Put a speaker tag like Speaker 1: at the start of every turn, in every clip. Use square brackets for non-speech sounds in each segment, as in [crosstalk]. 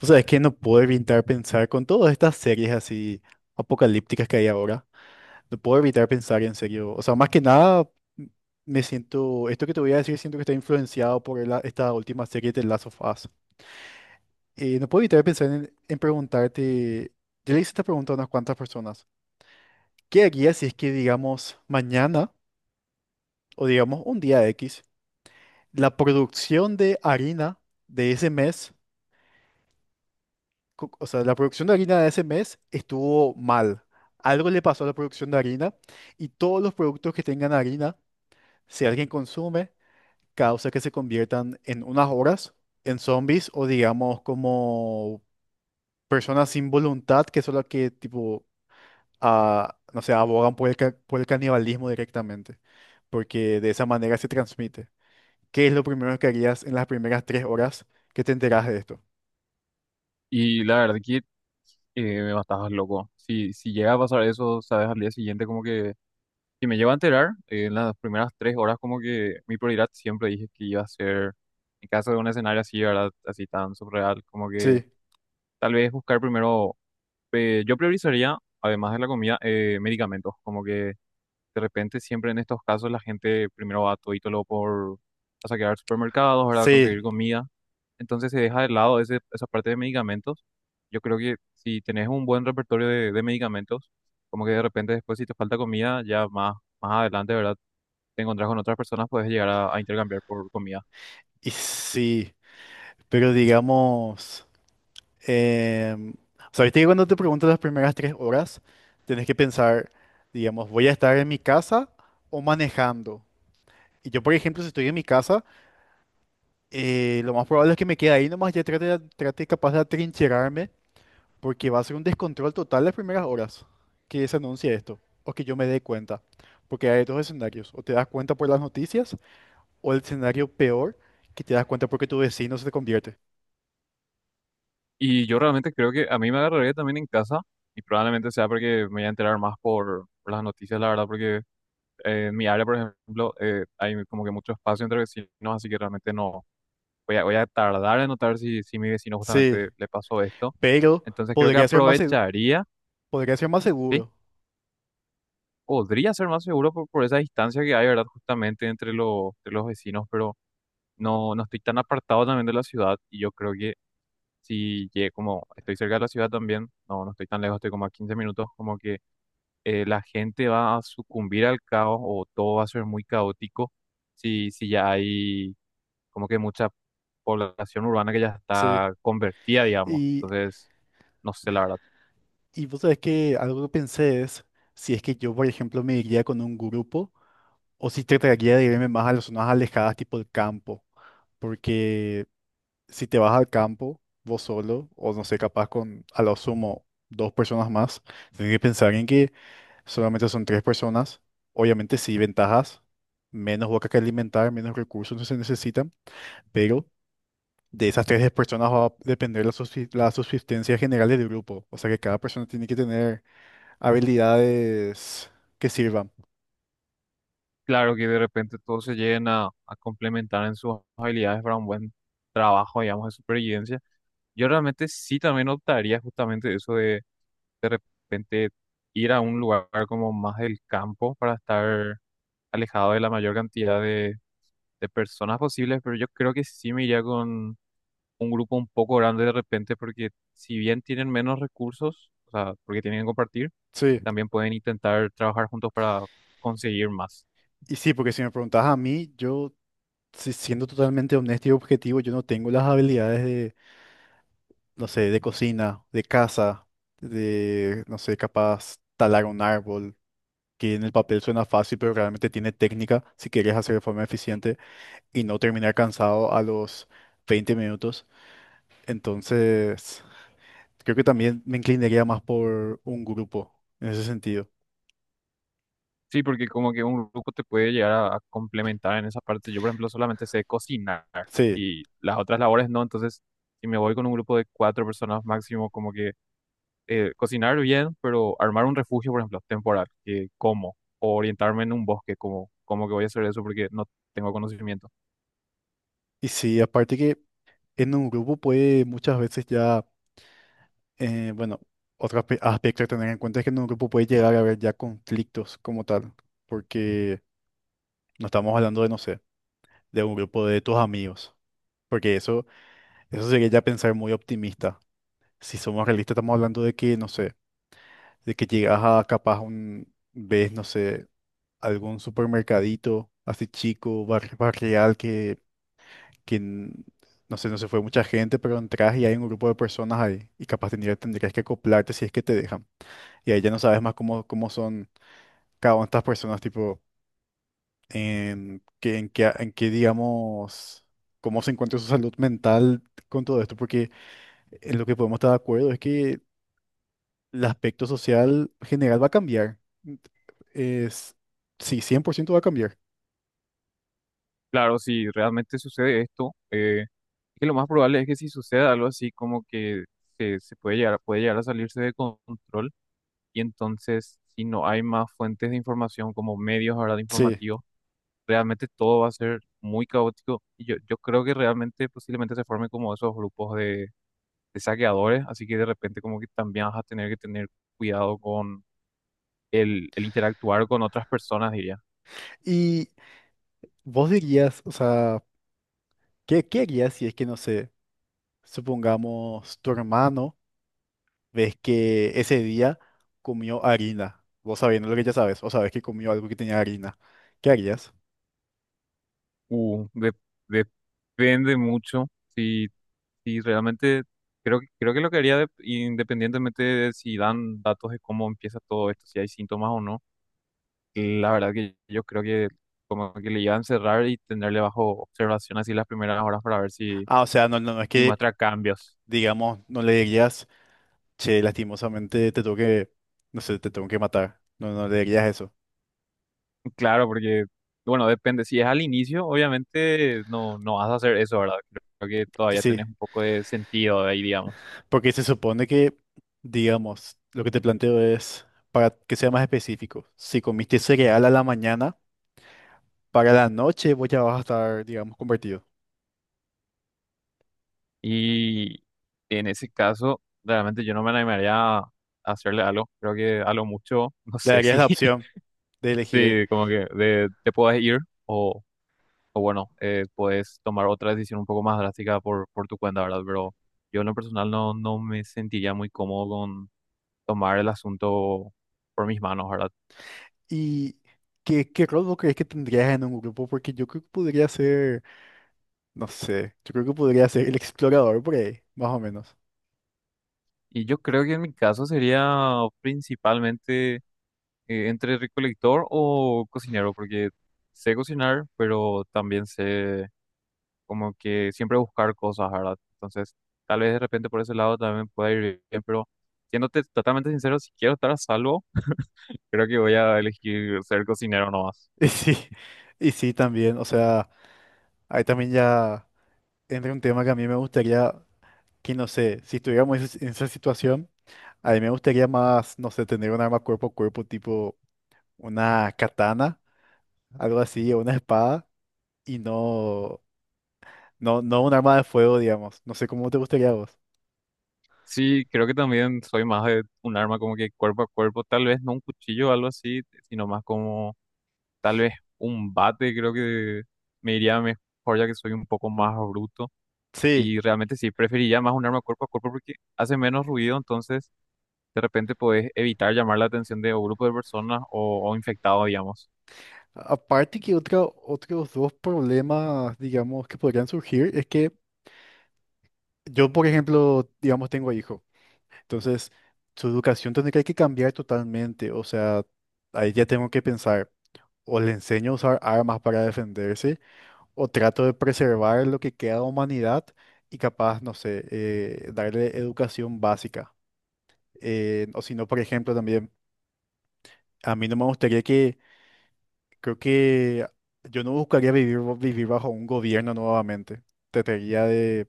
Speaker 1: O sea, es que no puedo evitar pensar con todas estas series así apocalípticas que hay ahora. No puedo evitar pensar en serio. O sea, más que nada, m- me siento, esto que te voy a decir, siento que está influenciado por esta última serie de Last of Us. No puedo evitar pensar en preguntarte, yo le hice esta pregunta a unas cuantas personas. ¿Qué harías si es que, digamos, mañana o digamos un día X, la producción de harina de ese mes o sea, la producción de harina de ese mes estuvo mal? Algo le pasó a la producción de harina y todos los productos que tengan harina, si alguien consume, causa que se conviertan en unas horas en zombies, o digamos como personas sin voluntad que son las que tipo, ah, no sé, abogan por por el canibalismo directamente, porque de esa manera se transmite. ¿Qué es lo primero que harías en las primeras 3 horas que te enteras de esto?
Speaker 2: Y la verdad que me matabas loco. Si llega a pasar eso, sabes, al día siguiente como que... Si me llego a enterar, en las primeras 3 horas como que mi prioridad siempre dije que iba a ser, en caso de un escenario así, ¿verdad? Así tan surreal, como que
Speaker 1: Sí,
Speaker 2: tal vez buscar primero... yo priorizaría, además de la comida, medicamentos. Como que de repente siempre en estos casos la gente primero va todito lo por... a saquear supermercados, ¿verdad? Conseguir
Speaker 1: sí
Speaker 2: comida, entonces se deja de lado esa parte de medicamentos. Yo creo que si tenés un buen repertorio de medicamentos, como que de repente después si te falta comida, ya más, más adelante, ¿verdad? Te encontrás con otras personas, puedes llegar a intercambiar por comida.
Speaker 1: y sí. Pero digamos, o sea, viste que cuando te pregunto las primeras 3 horas, tenés que pensar, digamos, ¿voy a estar en mi casa o manejando? Y yo, por ejemplo, si estoy en mi casa, lo más probable es que me quede ahí nomás, ya trate, trate capaz de atrincherarme, porque va a ser un descontrol total las primeras horas que se anuncie esto, o que yo me dé cuenta, porque hay dos escenarios, o te das cuenta por las noticias, o el escenario peor, que te das cuenta porque tu vecino se te convierte.
Speaker 2: Y yo realmente creo que a mí me agarraría también en casa y probablemente sea porque me voy a enterar más por las noticias, la verdad, porque en mi área, por ejemplo, hay como que mucho espacio entre vecinos, así que realmente no voy a tardar en notar si mi vecino
Speaker 1: Sí,
Speaker 2: justamente le pasó esto.
Speaker 1: pero
Speaker 2: Entonces creo que
Speaker 1: podría ser más,
Speaker 2: aprovecharía.
Speaker 1: podría ser más
Speaker 2: ¿Sí?
Speaker 1: seguro,
Speaker 2: Podría ser más seguro por esa distancia que hay, ¿verdad? Justamente entre los vecinos, pero no, no estoy tan apartado también de la ciudad y yo creo que si llegué como estoy cerca de la ciudad también, no, no estoy tan lejos, estoy como a 15 minutos, como que la gente va a sucumbir al caos o todo va a ser muy caótico si ya hay como que mucha población urbana que ya
Speaker 1: sí.
Speaker 2: está convertida, digamos.
Speaker 1: Y,
Speaker 2: Entonces, no sé, la verdad.
Speaker 1: y vos sabés que algo que pensé es si es que yo, por ejemplo, me iría con un grupo, o si trataría de irme más a las zonas alejadas, tipo el campo. Porque si te vas al campo, vos solo, o no sé, capaz con a lo sumo dos personas más, tenés que pensar en que solamente son 3 personas. Obviamente sí, ventajas, menos boca que alimentar, menos recursos no se necesitan, pero de esas 3 personas va a depender la, la subsistencia general del grupo. O sea que cada persona tiene que tener habilidades que sirvan.
Speaker 2: Claro que de repente todo se lleguen a complementar en sus habilidades para un buen trabajo, digamos, de supervivencia. Yo realmente sí también optaría justamente eso de repente ir a un lugar como más del campo para estar alejado de la mayor cantidad de personas posibles, pero yo creo que sí me iría con un grupo un poco grande de repente porque si bien tienen menos recursos, o sea, porque tienen que compartir,
Speaker 1: Sí,
Speaker 2: también pueden intentar trabajar juntos para conseguir más.
Speaker 1: y sí, porque si me preguntas a mí, yo, siendo totalmente honesto y objetivo, yo no tengo las habilidades de, no sé, de cocina, de casa, de, no sé, capaz talar un árbol, que en el papel suena fácil, pero realmente tiene técnica si quieres hacer de forma eficiente y no terminar cansado a los 20 minutos. Entonces, creo que también me inclinaría más por un grupo, en ese sentido.
Speaker 2: Sí, porque como que un grupo te puede llegar a complementar en esa parte. Yo, por ejemplo, solamente sé cocinar
Speaker 1: Sí,
Speaker 2: y las otras labores no. Entonces, si me voy con un grupo de 4 personas máximo, como que cocinar bien, pero armar un refugio, por ejemplo, temporal, que como, o orientarme en un bosque, como, como que voy a hacer eso porque no tengo conocimiento.
Speaker 1: y sí, aparte que en un grupo puede muchas veces ya, bueno, otro aspecto a tener en cuenta es que en un grupo puede llegar a haber ya conflictos como tal, porque no estamos hablando de, no sé, de un grupo de tus amigos, porque eso sería ya pensar muy optimista. Si somos realistas, estamos hablando de que, no sé, de que llegas a capaz un, ves, no sé, algún supermercadito así chico, barrial que que n- no sé, no se fue mucha gente, pero entras y hay un grupo de personas ahí y capaz tendrías que acoplarte si es que te dejan. Y ahí ya no sabes más cómo, cómo son cada una de estas personas, tipo, en qué, digamos, cómo se encuentra su salud mental con todo esto, porque en lo que podemos estar de acuerdo es que el aspecto social general va a cambiar. Es, sí, 100% va a cambiar.
Speaker 2: Claro, si realmente sucede esto, es que lo más probable es que si sucede algo así, como que se puede llegar a salirse de control. Y entonces, si no hay más fuentes de información como medios ahora de
Speaker 1: Sí.
Speaker 2: informativos, realmente todo va a ser muy caótico. Y yo creo que realmente posiblemente se formen como esos grupos de saqueadores, así que de repente como que también vas a tener que tener cuidado con el interactuar con otras personas, diría.
Speaker 1: Y vos dirías, o sea, ¿qué, qué harías si es que, no sé, supongamos tu hermano, ves que ese día comió harina? Vos sabiendo lo que ya sabes, o sabes que comió algo que tenía harina, ¿qué harías?
Speaker 2: Uh, de- de- depende mucho si, si realmente... Creo, creo que lo que haría independientemente de si dan datos de cómo empieza todo esto, si hay síntomas o no, la verdad que yo creo que como que le iba a encerrar y tenerle bajo observación así las primeras horas para ver si,
Speaker 1: Ah, o sea, no, no, no es
Speaker 2: si
Speaker 1: que,
Speaker 2: muestra cambios.
Speaker 1: digamos, no le dirías, che, lastimosamente te tengo que, no sé, te tengo que matar. No, no le dirías eso.
Speaker 2: [laughs] Claro, porque, bueno, depende. Si es al inicio, obviamente no, no vas a hacer eso, ¿verdad? Creo que todavía
Speaker 1: Sí,
Speaker 2: tenés un poco de sentido ahí, digamos.
Speaker 1: porque se supone que, digamos, lo que te planteo es, para que sea más específico, si comiste cereal a la mañana, para la noche vos ya vas a estar, digamos, convertido.
Speaker 2: Y en ese caso, realmente yo no me animaría a hacerle algo. Creo que a lo mucho, [laughs] no
Speaker 1: Le
Speaker 2: sé
Speaker 1: darías
Speaker 2: si,
Speaker 1: la
Speaker 2: [laughs]
Speaker 1: opción de elegir.
Speaker 2: si como que de, te puedes ir o bueno, puedes tomar otra decisión un poco más drástica por tu cuenta, ¿verdad? Pero yo en lo personal no, no me sentiría muy cómodo con tomar el asunto por mis manos, ¿verdad?
Speaker 1: ¿Y qué, qué rol vos crees que tendrías en un grupo? Porque yo creo que podría ser, no sé, yo creo que podría ser el explorador por ahí, más o menos.
Speaker 2: Y yo creo que en mi caso sería principalmente entre recolector o cocinero, porque sé cocinar, pero también sé como que siempre buscar cosas, ¿verdad? Entonces, tal vez de repente por ese lado también pueda ir bien, pero siéndote totalmente sincero, si quiero estar a salvo, creo que voy a elegir ser cocinero nomás.
Speaker 1: [laughs] Y sí, y sí también, o sea, ahí también ya entra un tema que a mí me gustaría, que no sé, si estuviéramos en esa situación, a mí me gustaría más, no sé, tener un arma cuerpo a cuerpo tipo una katana, algo así, o una espada, y no, no, no un arma de fuego, digamos. No sé cómo te gustaría a vos.
Speaker 2: Sí, creo que también soy más de un arma como que cuerpo a cuerpo, tal vez no un cuchillo o algo así, sino más como tal vez un bate, creo que me iría mejor ya que soy un poco más bruto.
Speaker 1: Sí.
Speaker 2: Y realmente sí, preferiría más un arma cuerpo a cuerpo porque hace menos ruido, entonces de repente podés evitar llamar la atención de un grupo de personas o infectados, digamos.
Speaker 1: Aparte que otro, otros dos problemas, digamos, que podrían surgir es que yo, por ejemplo, digamos, tengo hijo. Entonces, su educación tendría que cambiar totalmente. O sea, ahí ya tengo que pensar, o le enseño a usar armas para defenderse, o trato de preservar lo que queda de humanidad y capaz, no sé, darle educación básica. O si no, por ejemplo, también, a mí no me gustaría, creo que yo no buscaría vivir, vivir bajo un gobierno nuevamente. Trataría de,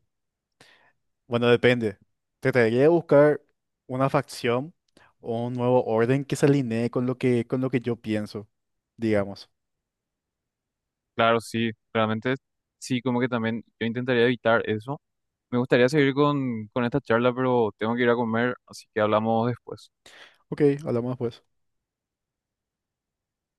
Speaker 1: bueno, depende. Trataría de buscar una facción o un nuevo orden que se alinee con lo que yo pienso, digamos.
Speaker 2: Claro, sí, realmente sí, como que también yo intentaría evitar eso. Me gustaría seguir con esta charla, pero tengo que ir a comer, así que hablamos después.
Speaker 1: Ok, hablamos después.